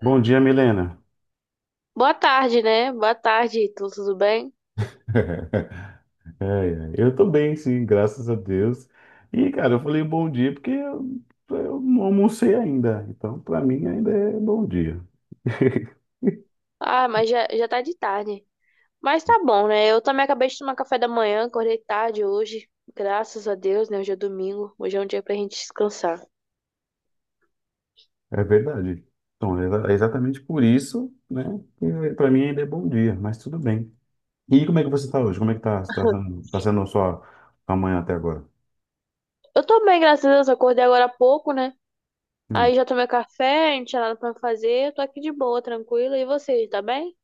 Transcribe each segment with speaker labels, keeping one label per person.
Speaker 1: Bom dia, Milena.
Speaker 2: Boa tarde, né? Boa tarde, tudo bem?
Speaker 1: É, é. Eu tô bem, sim, graças a Deus. E, cara, eu falei bom dia porque eu não almocei ainda. Então, pra mim, ainda é bom dia.
Speaker 2: Ah, mas já tá de tarde. Mas tá bom, né? Eu também acabei de tomar café da manhã, acordei tarde hoje. Graças a Deus, né? Hoje é domingo. Hoje é um dia pra gente descansar.
Speaker 1: É verdade. Então, é exatamente por isso, né, que pra mim ainda é bom dia, mas tudo bem. E como é que você tá hoje? Como é que tá sendo a sua manhã até agora?
Speaker 2: Eu tô bem, graças a Deus. Acordei agora há pouco, né?
Speaker 1: Hum.
Speaker 2: Aí já tomei café, não tinha nada pra fazer. Eu tô aqui de boa, tranquila. E você, tá bem?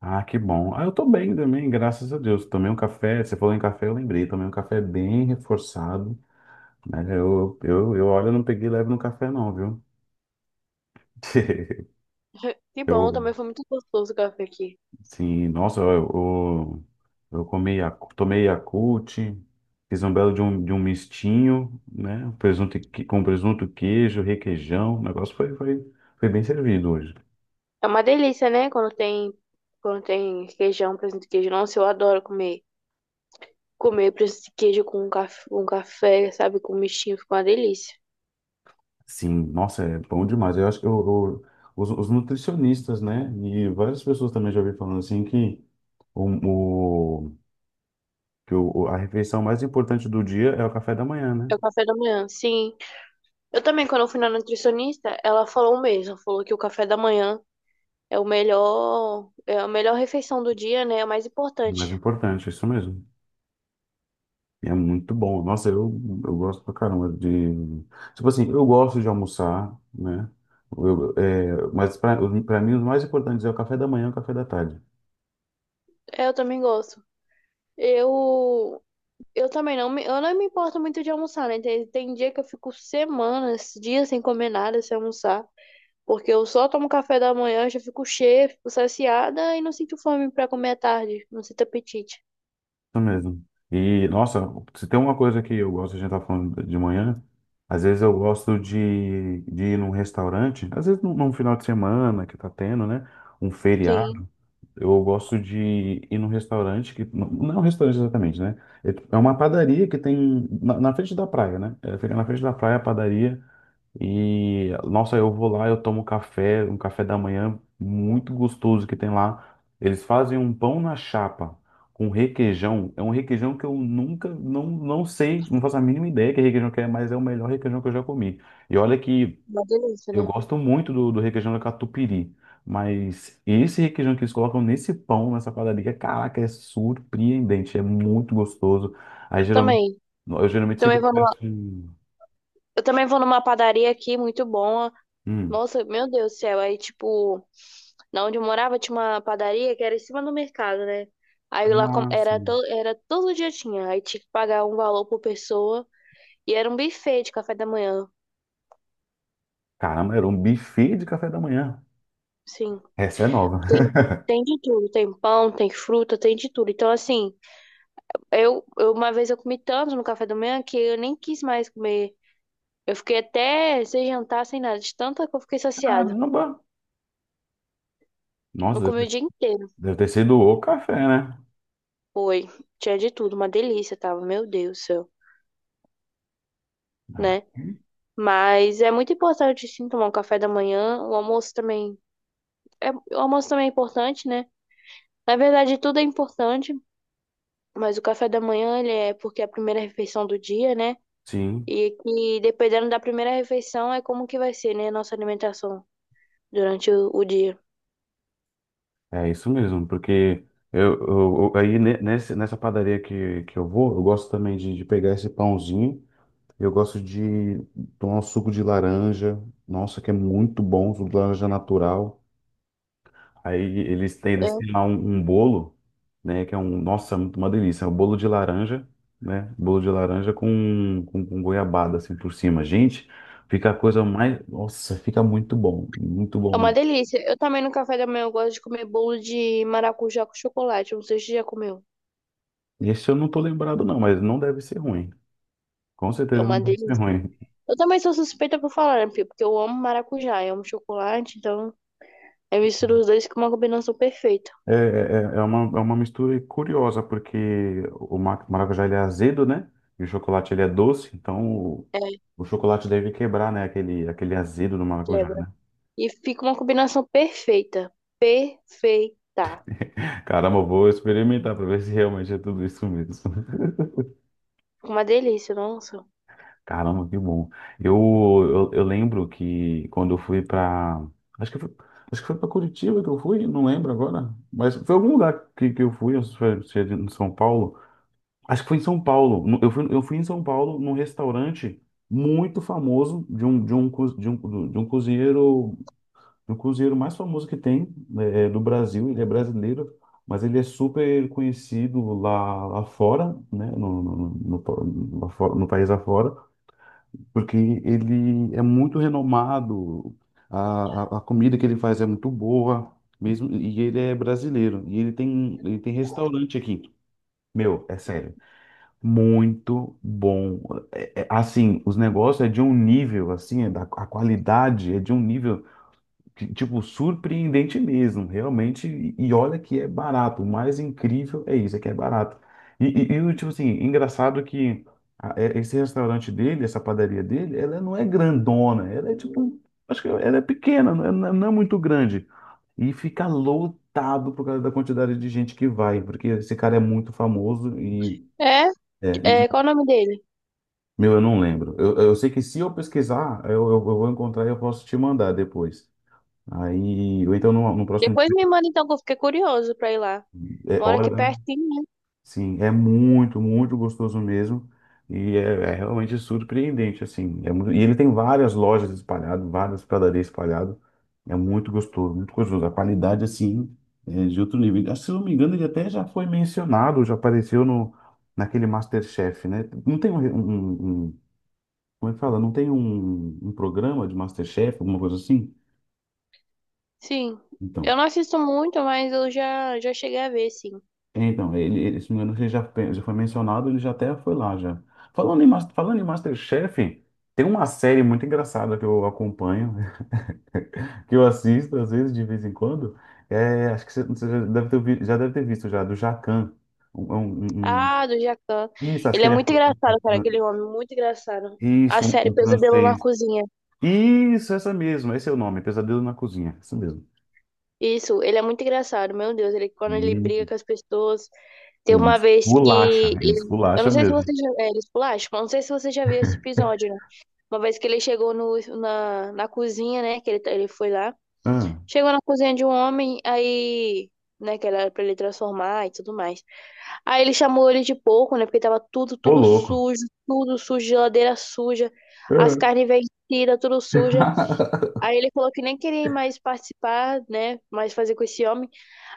Speaker 1: Ah, que bom. Ah, eu tô bem também, graças a Deus. Tomei um café, você falou em café, eu lembrei. Tomei um café bem reforçado, né? Eu olha, eu não peguei leve no café não, viu?
Speaker 2: Que bom,
Speaker 1: Eu,
Speaker 2: também foi muito gostoso o café aqui.
Speaker 1: sim, nossa, eu comi, tomei Yakult, fiz um belo de um mistinho, né? Com presunto, queijo, requeijão. O negócio foi bem servido hoje.
Speaker 2: É uma delícia, né? Quando tem queijão, presunto e queijo. Nossa, eu adoro comer. Comer presunto de queijo com café, sabe? Com mexinho, fica uma delícia.
Speaker 1: Sim, nossa, é bom demais. Eu acho que os nutricionistas, né? E várias pessoas também já ouvi falando assim que, o, o- a refeição mais importante do dia é o café da manhã, né?
Speaker 2: É o café da manhã, sim. Eu também, quando eu fui na nutricionista, ela falou o mesmo. Falou que o café da manhã é o melhor, é a melhor refeição do dia, né? É o mais
Speaker 1: É, mais
Speaker 2: importante.
Speaker 1: importante, é isso mesmo. E é muito bom. Nossa, eu gosto pra caramba de. Tipo assim, eu gosto de almoçar, né? Mas pra mim, os mais importantes é o café da manhã e o café da tarde.
Speaker 2: É, eu também gosto. Eu, eu também não me, eu não me importo muito de almoçar, né? Tem dia que eu fico semanas, dias sem comer nada, sem almoçar. Porque eu só tomo café da manhã, já fico cheia, fico saciada e não sinto fome pra comer à tarde. Não sinto apetite.
Speaker 1: Isso mesmo. E, nossa, se tem uma coisa que eu gosto, a gente tá falando de manhã, às vezes eu gosto de ir num restaurante, às vezes num final de semana que tá tendo, né? Um
Speaker 2: Sim,
Speaker 1: feriado, eu gosto de ir num restaurante que, não não é um restaurante exatamente, né? É uma padaria que tem na frente da praia, né? É, fica na frente da praia a padaria. E, nossa, eu vou lá, eu tomo café, um café da manhã muito gostoso que tem lá. Eles fazem um pão na chapa com requeijão. É um requeijão que eu nunca, não, não sei, não faço a mínima ideia que requeijão que é, mas é o melhor requeijão que eu já comi. E olha que
Speaker 2: uma delícia, né?
Speaker 1: eu
Speaker 2: Eu
Speaker 1: gosto muito do requeijão da catupiry, mas esse requeijão que eles colocam nesse pão, nessa padaria, caraca, é surpreendente, é muito gostoso. Aí geralmente,
Speaker 2: também.
Speaker 1: eu geralmente
Speaker 2: Também
Speaker 1: sempre
Speaker 2: vou numa,
Speaker 1: peço um...
Speaker 2: eu também vou numa padaria aqui, muito boa.
Speaker 1: Hum.
Speaker 2: Nossa, meu Deus do céu. Aí, tipo, na onde eu morava tinha uma padaria que era em cima do mercado, né? Aí lá
Speaker 1: Ah,
Speaker 2: era,
Speaker 1: sim.
Speaker 2: era todo dia tinha. Aí tinha que pagar um valor por pessoa. E era um buffet de café da manhã.
Speaker 1: Caramba, era um buffet de café da manhã.
Speaker 2: Sim.
Speaker 1: Essa é nova.
Speaker 2: Tem, tem de tudo. Tem pão, tem fruta, tem de tudo. Então, assim, eu uma vez eu comi tanto no café da manhã que eu nem quis mais comer. Eu fiquei até sem jantar, sem nada, de tanto que eu fiquei saciada.
Speaker 1: Caramba!
Speaker 2: Não
Speaker 1: Nossa,
Speaker 2: comi
Speaker 1: deve
Speaker 2: o
Speaker 1: ter
Speaker 2: dia inteiro,
Speaker 1: deve ter sido o café, né?
Speaker 2: foi. Tinha de tudo, uma delícia, tava, meu Deus do céu,
Speaker 1: Ah,
Speaker 2: né? Mas é muito importante sim tomar um café da manhã, o almoço também. É, o almoço também é importante, né? Na verdade, tudo é importante, mas o café da manhã, ele é porque é a primeira refeição do dia, né?
Speaker 1: sim,
Speaker 2: E que dependendo da primeira refeição, é como que vai ser, né, a nossa alimentação durante o dia.
Speaker 1: é isso mesmo, porque nessa padaria que eu vou, eu gosto também de pegar esse pãozinho, eu gosto de tomar um suco de laranja, nossa, que é muito bom, suco de laranja natural. Aí eles têm
Speaker 2: É
Speaker 1: lá um bolo, né? Que é nossa, uma delícia. É um bolo de laranja, né? Bolo de laranja com goiabada assim por cima. Gente, fica a coisa mais. Nossa, fica muito bom. Muito bom
Speaker 2: é uma
Speaker 1: mesmo.
Speaker 2: delícia. Eu também no café da manhã eu gosto de comer bolo de maracujá com chocolate. Não sei se você já comeu.
Speaker 1: Esse eu não tô lembrado, não, mas não deve ser ruim. Com
Speaker 2: É
Speaker 1: certeza não
Speaker 2: uma
Speaker 1: deve ser
Speaker 2: delícia.
Speaker 1: ruim.
Speaker 2: Eu também sou suspeita por falar, né, Pio? Porque eu amo maracujá, eu amo chocolate, então eu misturo os dois com uma combinação perfeita.
Speaker 1: É uma mistura curiosa, porque o maracujá ele é azedo, né? E o chocolate ele é doce, então o,
Speaker 2: É,
Speaker 1: o chocolate deve quebrar, né? Aquele azedo do maracujá,
Speaker 2: quebra.
Speaker 1: né?
Speaker 2: E fica uma combinação perfeita. Perfeita.
Speaker 1: Caramba, eu vou experimentar para ver se realmente é tudo isso mesmo.
Speaker 2: Fica uma delícia, nossa.
Speaker 1: Caramba, que bom. Eu, eu lembro que quando eu fui para. Acho que foi, acho que foi para Curitiba que eu fui, não lembro agora. Mas foi algum lugar que eu fui se é em São Paulo. Acho que foi em São Paulo. Eu fui em São Paulo num restaurante muito famoso de um, co- de um cozinheiro. O cruzeiro mais famoso que tem né, do Brasil, ele é brasileiro, mas ele é super conhecido lá fora, né, no país afora, porque ele é muito renomado, a comida que ele faz é muito boa, mesmo, e ele é brasileiro, e ele tem restaurante aqui. Meu, é sério, muito bom. É, assim, os negócios é de um nível, assim, a qualidade é de um nível que, tipo, surpreendente mesmo, realmente. E olha que é barato. O mais incrível é isso, é que é barato. E o tipo assim, engraçado que esse restaurante dele, essa padaria dele, ela não é grandona, ela é tipo, acho que ela é pequena, não é muito grande. E fica lotado por causa da quantidade de gente que vai, porque esse cara é muito famoso
Speaker 2: É,
Speaker 1: é, e-
Speaker 2: qual o nome dele?
Speaker 1: meu, eu não lembro. Eu sei que se eu pesquisar, eu vou encontrar e eu posso te mandar depois. Aí, ou então no próximo.
Speaker 2: Depois me manda então, que eu fiquei curioso pra ir lá.
Speaker 1: É,
Speaker 2: Mora aqui
Speaker 1: olha,
Speaker 2: pertinho, né?
Speaker 1: sim, é muito, muito gostoso mesmo. E é realmente surpreendente, assim. E ele tem várias lojas espalhadas, várias padarias espalhadas. É muito gostoso, muito gostoso. A qualidade, assim, é de outro nível. Ah, se não me engano, ele até já foi mencionado, já apareceu naquele MasterChef, né? Não tem um, como é que fala? Não tem um programa de MasterChef, alguma coisa assim?
Speaker 2: Sim.
Speaker 1: Então.
Speaker 2: Eu não assisto muito, mas eu já cheguei a ver, sim.
Speaker 1: É, então, ele, se não me engano, ele já foi mencionado, ele já até foi lá já. Falando em MasterChef, tem uma série muito engraçada que eu acompanho, que eu assisto às vezes, de vez em quando. É, acho que você já deve ter visto já, do Jacan. Um- é um- um-
Speaker 2: Ah, do Jacan.
Speaker 1: um, isso, acho
Speaker 2: Ele
Speaker 1: que
Speaker 2: é
Speaker 1: ele é.
Speaker 2: muito engraçado, cara, aquele homem, muito engraçado. A
Speaker 1: Isso, um,
Speaker 2: série
Speaker 1: um
Speaker 2: Pesadelo na
Speaker 1: francês.
Speaker 2: Cozinha.
Speaker 1: Isso, essa mesmo, esse é o nome, Pesadelo na Cozinha, isso mesmo.
Speaker 2: Isso, ele é muito engraçado, meu Deus, ele quando ele
Speaker 1: Meu
Speaker 2: briga com as pessoas, tem uma
Speaker 1: Deus,
Speaker 2: vez
Speaker 1: bolacha, isso,
Speaker 2: eu
Speaker 1: bolacha
Speaker 2: não sei se
Speaker 1: mesmo.
Speaker 2: você já é, ele esculacha, eu não sei se você já viu esse episódio, né? Uma vez que ele chegou no, na, na cozinha, né, que ele foi lá,
Speaker 1: Ah,
Speaker 2: chegou na cozinha de um homem, aí, né, que era pra ele transformar e tudo mais. Aí ele chamou ele de porco, né, porque tava tudo,
Speaker 1: ô louco.
Speaker 2: tudo sujo, geladeira suja, as
Speaker 1: Ah.
Speaker 2: carnes vencidas, tudo suja. Aí ele falou que nem queria mais participar, né, mais fazer com esse homem.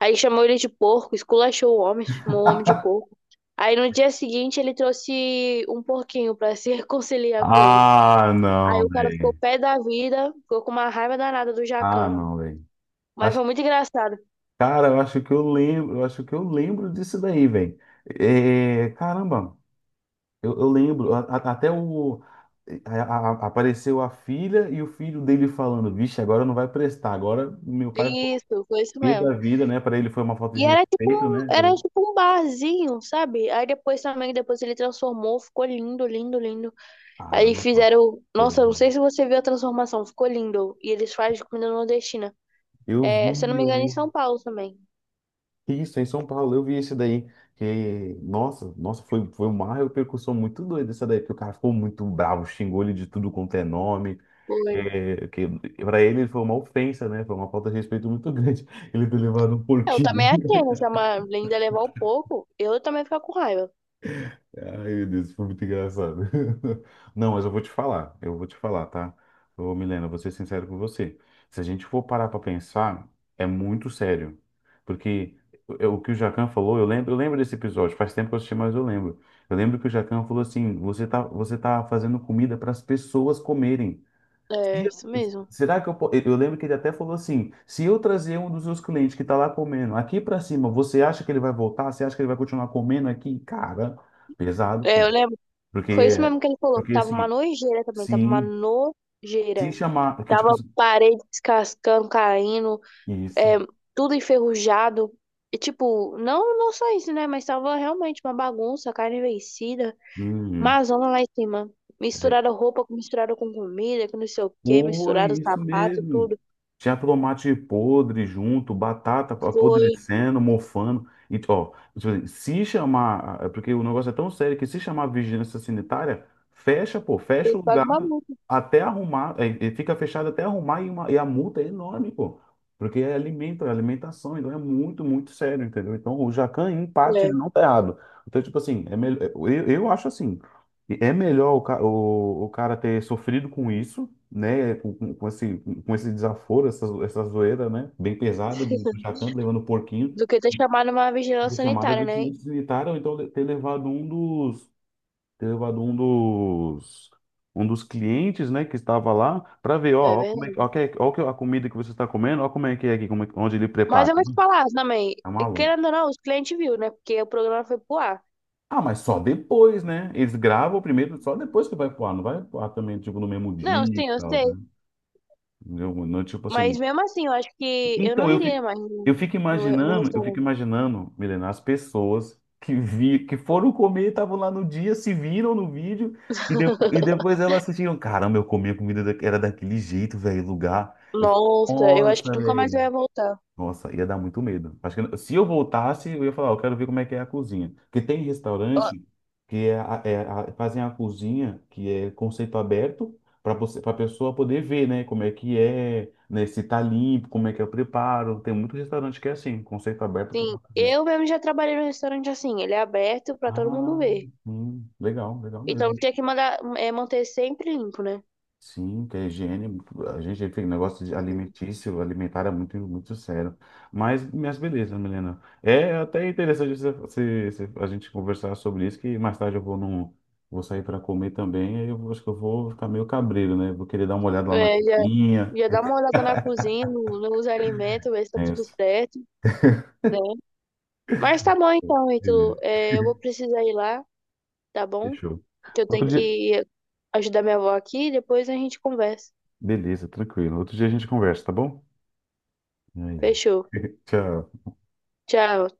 Speaker 2: Aí chamou ele de porco, esculachou o homem, chamou o homem de porco. Aí no dia seguinte ele trouxe um porquinho pra se reconciliar com ele.
Speaker 1: Ah,
Speaker 2: Aí
Speaker 1: não,
Speaker 2: o cara ficou
Speaker 1: velho.
Speaker 2: pé da vida, ficou com uma raiva danada do
Speaker 1: Ah,
Speaker 2: Jacan.
Speaker 1: não, velho.
Speaker 2: Mas
Speaker 1: Acho-
Speaker 2: foi muito engraçado.
Speaker 1: Cara, eu acho que eu lembro, eu acho que eu lembro disso daí, velho. É, caramba, eu lembro. Até o apareceu a filha e o filho dele falando, vixe, agora não vai prestar. Agora meu pai ficou
Speaker 2: Isso, foi isso
Speaker 1: pé
Speaker 2: mesmo.
Speaker 1: da vida, né? Para ele foi uma falta de
Speaker 2: E
Speaker 1: respeito, né?
Speaker 2: era tipo um barzinho, sabe? Aí depois também, depois ele transformou, ficou lindo, lindo, lindo. Aí
Speaker 1: Caramba, só.
Speaker 2: fizeram, nossa, não sei se você viu a transformação, ficou lindo. E eles fazem comida nordestina.
Speaker 1: Eu
Speaker 2: É, se eu
Speaker 1: vi,
Speaker 2: não me
Speaker 1: eu
Speaker 2: engano, em
Speaker 1: vi.
Speaker 2: São Paulo também.
Speaker 1: Isso, em São Paulo, eu vi esse daí. Que, nossa, nossa, foi uma repercussão muito doida essa daí, porque o cara ficou muito bravo, xingou ele de tudo quanto é nome.
Speaker 2: Foi.
Speaker 1: É, que para ele foi uma ofensa, né? Foi uma falta de respeito muito grande. Ele ter levado um
Speaker 2: Eu
Speaker 1: porquinho.
Speaker 2: também achei, né? Se a Marlene levar um pouco, eu também ia ficar com raiva.
Speaker 1: Ai, meu Deus, isso foi muito engraçado. Não, mas eu vou te falar, eu vou te falar, tá? Ô, Milena, vou ser sincero com você. Se a gente for parar pra pensar, é muito sério. Porque o que o Jacan falou, eu lembro desse episódio, faz tempo que eu assisti, mas eu lembro. Eu lembro que o Jacan falou assim: você tá fazendo comida para as pessoas comerem. E
Speaker 2: É, isso mesmo.
Speaker 1: Será que eu, po- eu lembro que ele até falou assim: se eu trazer um dos meus clientes que está lá comendo aqui para cima, você acha que ele vai voltar? Você acha que ele vai continuar comendo aqui? Cara, pesado,
Speaker 2: É,
Speaker 1: pô.
Speaker 2: eu lembro.
Speaker 1: Porque
Speaker 2: Foi isso
Speaker 1: é,
Speaker 2: mesmo que ele falou, que
Speaker 1: porque é o
Speaker 2: tava uma
Speaker 1: seguinte,
Speaker 2: nojeira também, tava uma
Speaker 1: sim, se
Speaker 2: nojeira.
Speaker 1: chamar, porque tipo,
Speaker 2: Tava
Speaker 1: assim,
Speaker 2: parede descascando, caindo,
Speaker 1: isso,
Speaker 2: é, tudo enferrujado. E, tipo, não, não só isso, né? Mas tava realmente uma bagunça, carne vencida,
Speaker 1: uhum.
Speaker 2: uma zona lá em cima.
Speaker 1: É,
Speaker 2: Misturaram roupa, misturaram com comida, que não sei o quê,
Speaker 1: foi
Speaker 2: misturaram
Speaker 1: isso
Speaker 2: sapato,
Speaker 1: mesmo.
Speaker 2: tudo.
Speaker 1: Tinha tomate podre junto, batata
Speaker 2: Foi,
Speaker 1: apodrecendo, mofando. E, ó, tipo assim, se chamar, é porque o negócio é tão sério que se chamar vigilância sanitária, fecha, pô, fecha
Speaker 2: foi
Speaker 1: o
Speaker 2: uma
Speaker 1: lugar
Speaker 2: bagunça.
Speaker 1: até arrumar, fica fechado até arrumar e, e a multa é enorme, pô. Porque é alimento, é alimentação, então é muito, muito sério, entendeu? Então o Jacan, em parte,
Speaker 2: É.
Speaker 1: ele não tá errado. Então, tipo assim, é melhor, eu acho assim. E é melhor o cara ter sofrido com isso, né? Com esse desaforo, essa zoeira, né? Bem pesada do Jacan levando o porquinho,
Speaker 2: Do que ter chamado uma
Speaker 1: ter
Speaker 2: vigilância
Speaker 1: chamado a
Speaker 2: sanitária, né?
Speaker 1: vigilância sanitária, ou então ter levado um dos clientes, né? Que estava lá para ver,
Speaker 2: É
Speaker 1: ó, ó, como é,
Speaker 2: verdade.
Speaker 1: a comida que você está comendo, ó como é que é aqui, como é, onde ele
Speaker 2: Mas
Speaker 1: prepara.
Speaker 2: eu vou te
Speaker 1: Hum,
Speaker 2: falar também,
Speaker 1: Tá maluco.
Speaker 2: querendo ou não, os clientes viu, né? Porque o programa foi pro ar.
Speaker 1: Ah, mas só depois, né? Eles gravam primeiro, só depois que vai voar, não vai voar também, tipo, no mesmo dia
Speaker 2: Não,
Speaker 1: e
Speaker 2: sim, eu
Speaker 1: tal,
Speaker 2: sei.
Speaker 1: né? Não, não, tipo assim.
Speaker 2: Mas mesmo assim, eu acho que eu não
Speaker 1: Então,
Speaker 2: iria mais no
Speaker 1: eu fico
Speaker 2: restaurante.
Speaker 1: imaginando, Milena, as pessoas que foram comer, estavam lá no dia, se viram no vídeo, e, e depois elas assistiram. Caramba, eu comi a comida era daquele jeito, velho, lugar. Eu, fico,
Speaker 2: Nossa, eu acho que
Speaker 1: nossa,
Speaker 2: nunca mais eu ia voltar.
Speaker 1: nossa, ia dar muito medo. Acho que se eu voltasse, eu ia falar, eu quero ver como é que é a cozinha. Porque tem
Speaker 2: Ó,
Speaker 1: restaurante que é, a- é a- fazem a cozinha que é conceito aberto para você, para pessoa poder ver, né, como é que é, né, se tá limpo, como é que é o preparo. Tem muito restaurante que é assim, conceito aberto por
Speaker 2: sim,
Speaker 1: conta disso.
Speaker 2: eu mesmo já trabalhei no restaurante assim, ele é aberto pra todo mundo
Speaker 1: Ah,
Speaker 2: ver.
Speaker 1: sim, legal, legal mesmo.
Speaker 2: Então tinha que mandar, é, manter sempre limpo, né?
Speaker 1: Sim, que a higiene, a gente tem um negócio de alimentício, alimentar é muito, muito sério. Mas beleza, Milena. É até interessante a gente conversar sobre isso, que mais tarde eu vou vou sair para comer também, aí acho que eu vou ficar meio cabreiro, né? Vou querer dar uma olhada lá na
Speaker 2: É, já,
Speaker 1: cozinha.
Speaker 2: já dá uma olhada na cozinha, nos alimentos, ver se tá
Speaker 1: É,
Speaker 2: tudo
Speaker 1: isso.
Speaker 2: certo. Né? Mas tá bom então, Ítalo.
Speaker 1: Beleza,
Speaker 2: É, eu vou precisar ir lá, tá bom?
Speaker 1: fechou.
Speaker 2: Que eu
Speaker 1: Outro
Speaker 2: tenho
Speaker 1: dia,
Speaker 2: que ajudar minha avó aqui e depois a gente conversa.
Speaker 1: beleza, tranquilo. Outro dia a gente conversa, tá bom? É, é.
Speaker 2: Fechou.
Speaker 1: Tchau.
Speaker 2: Tchau.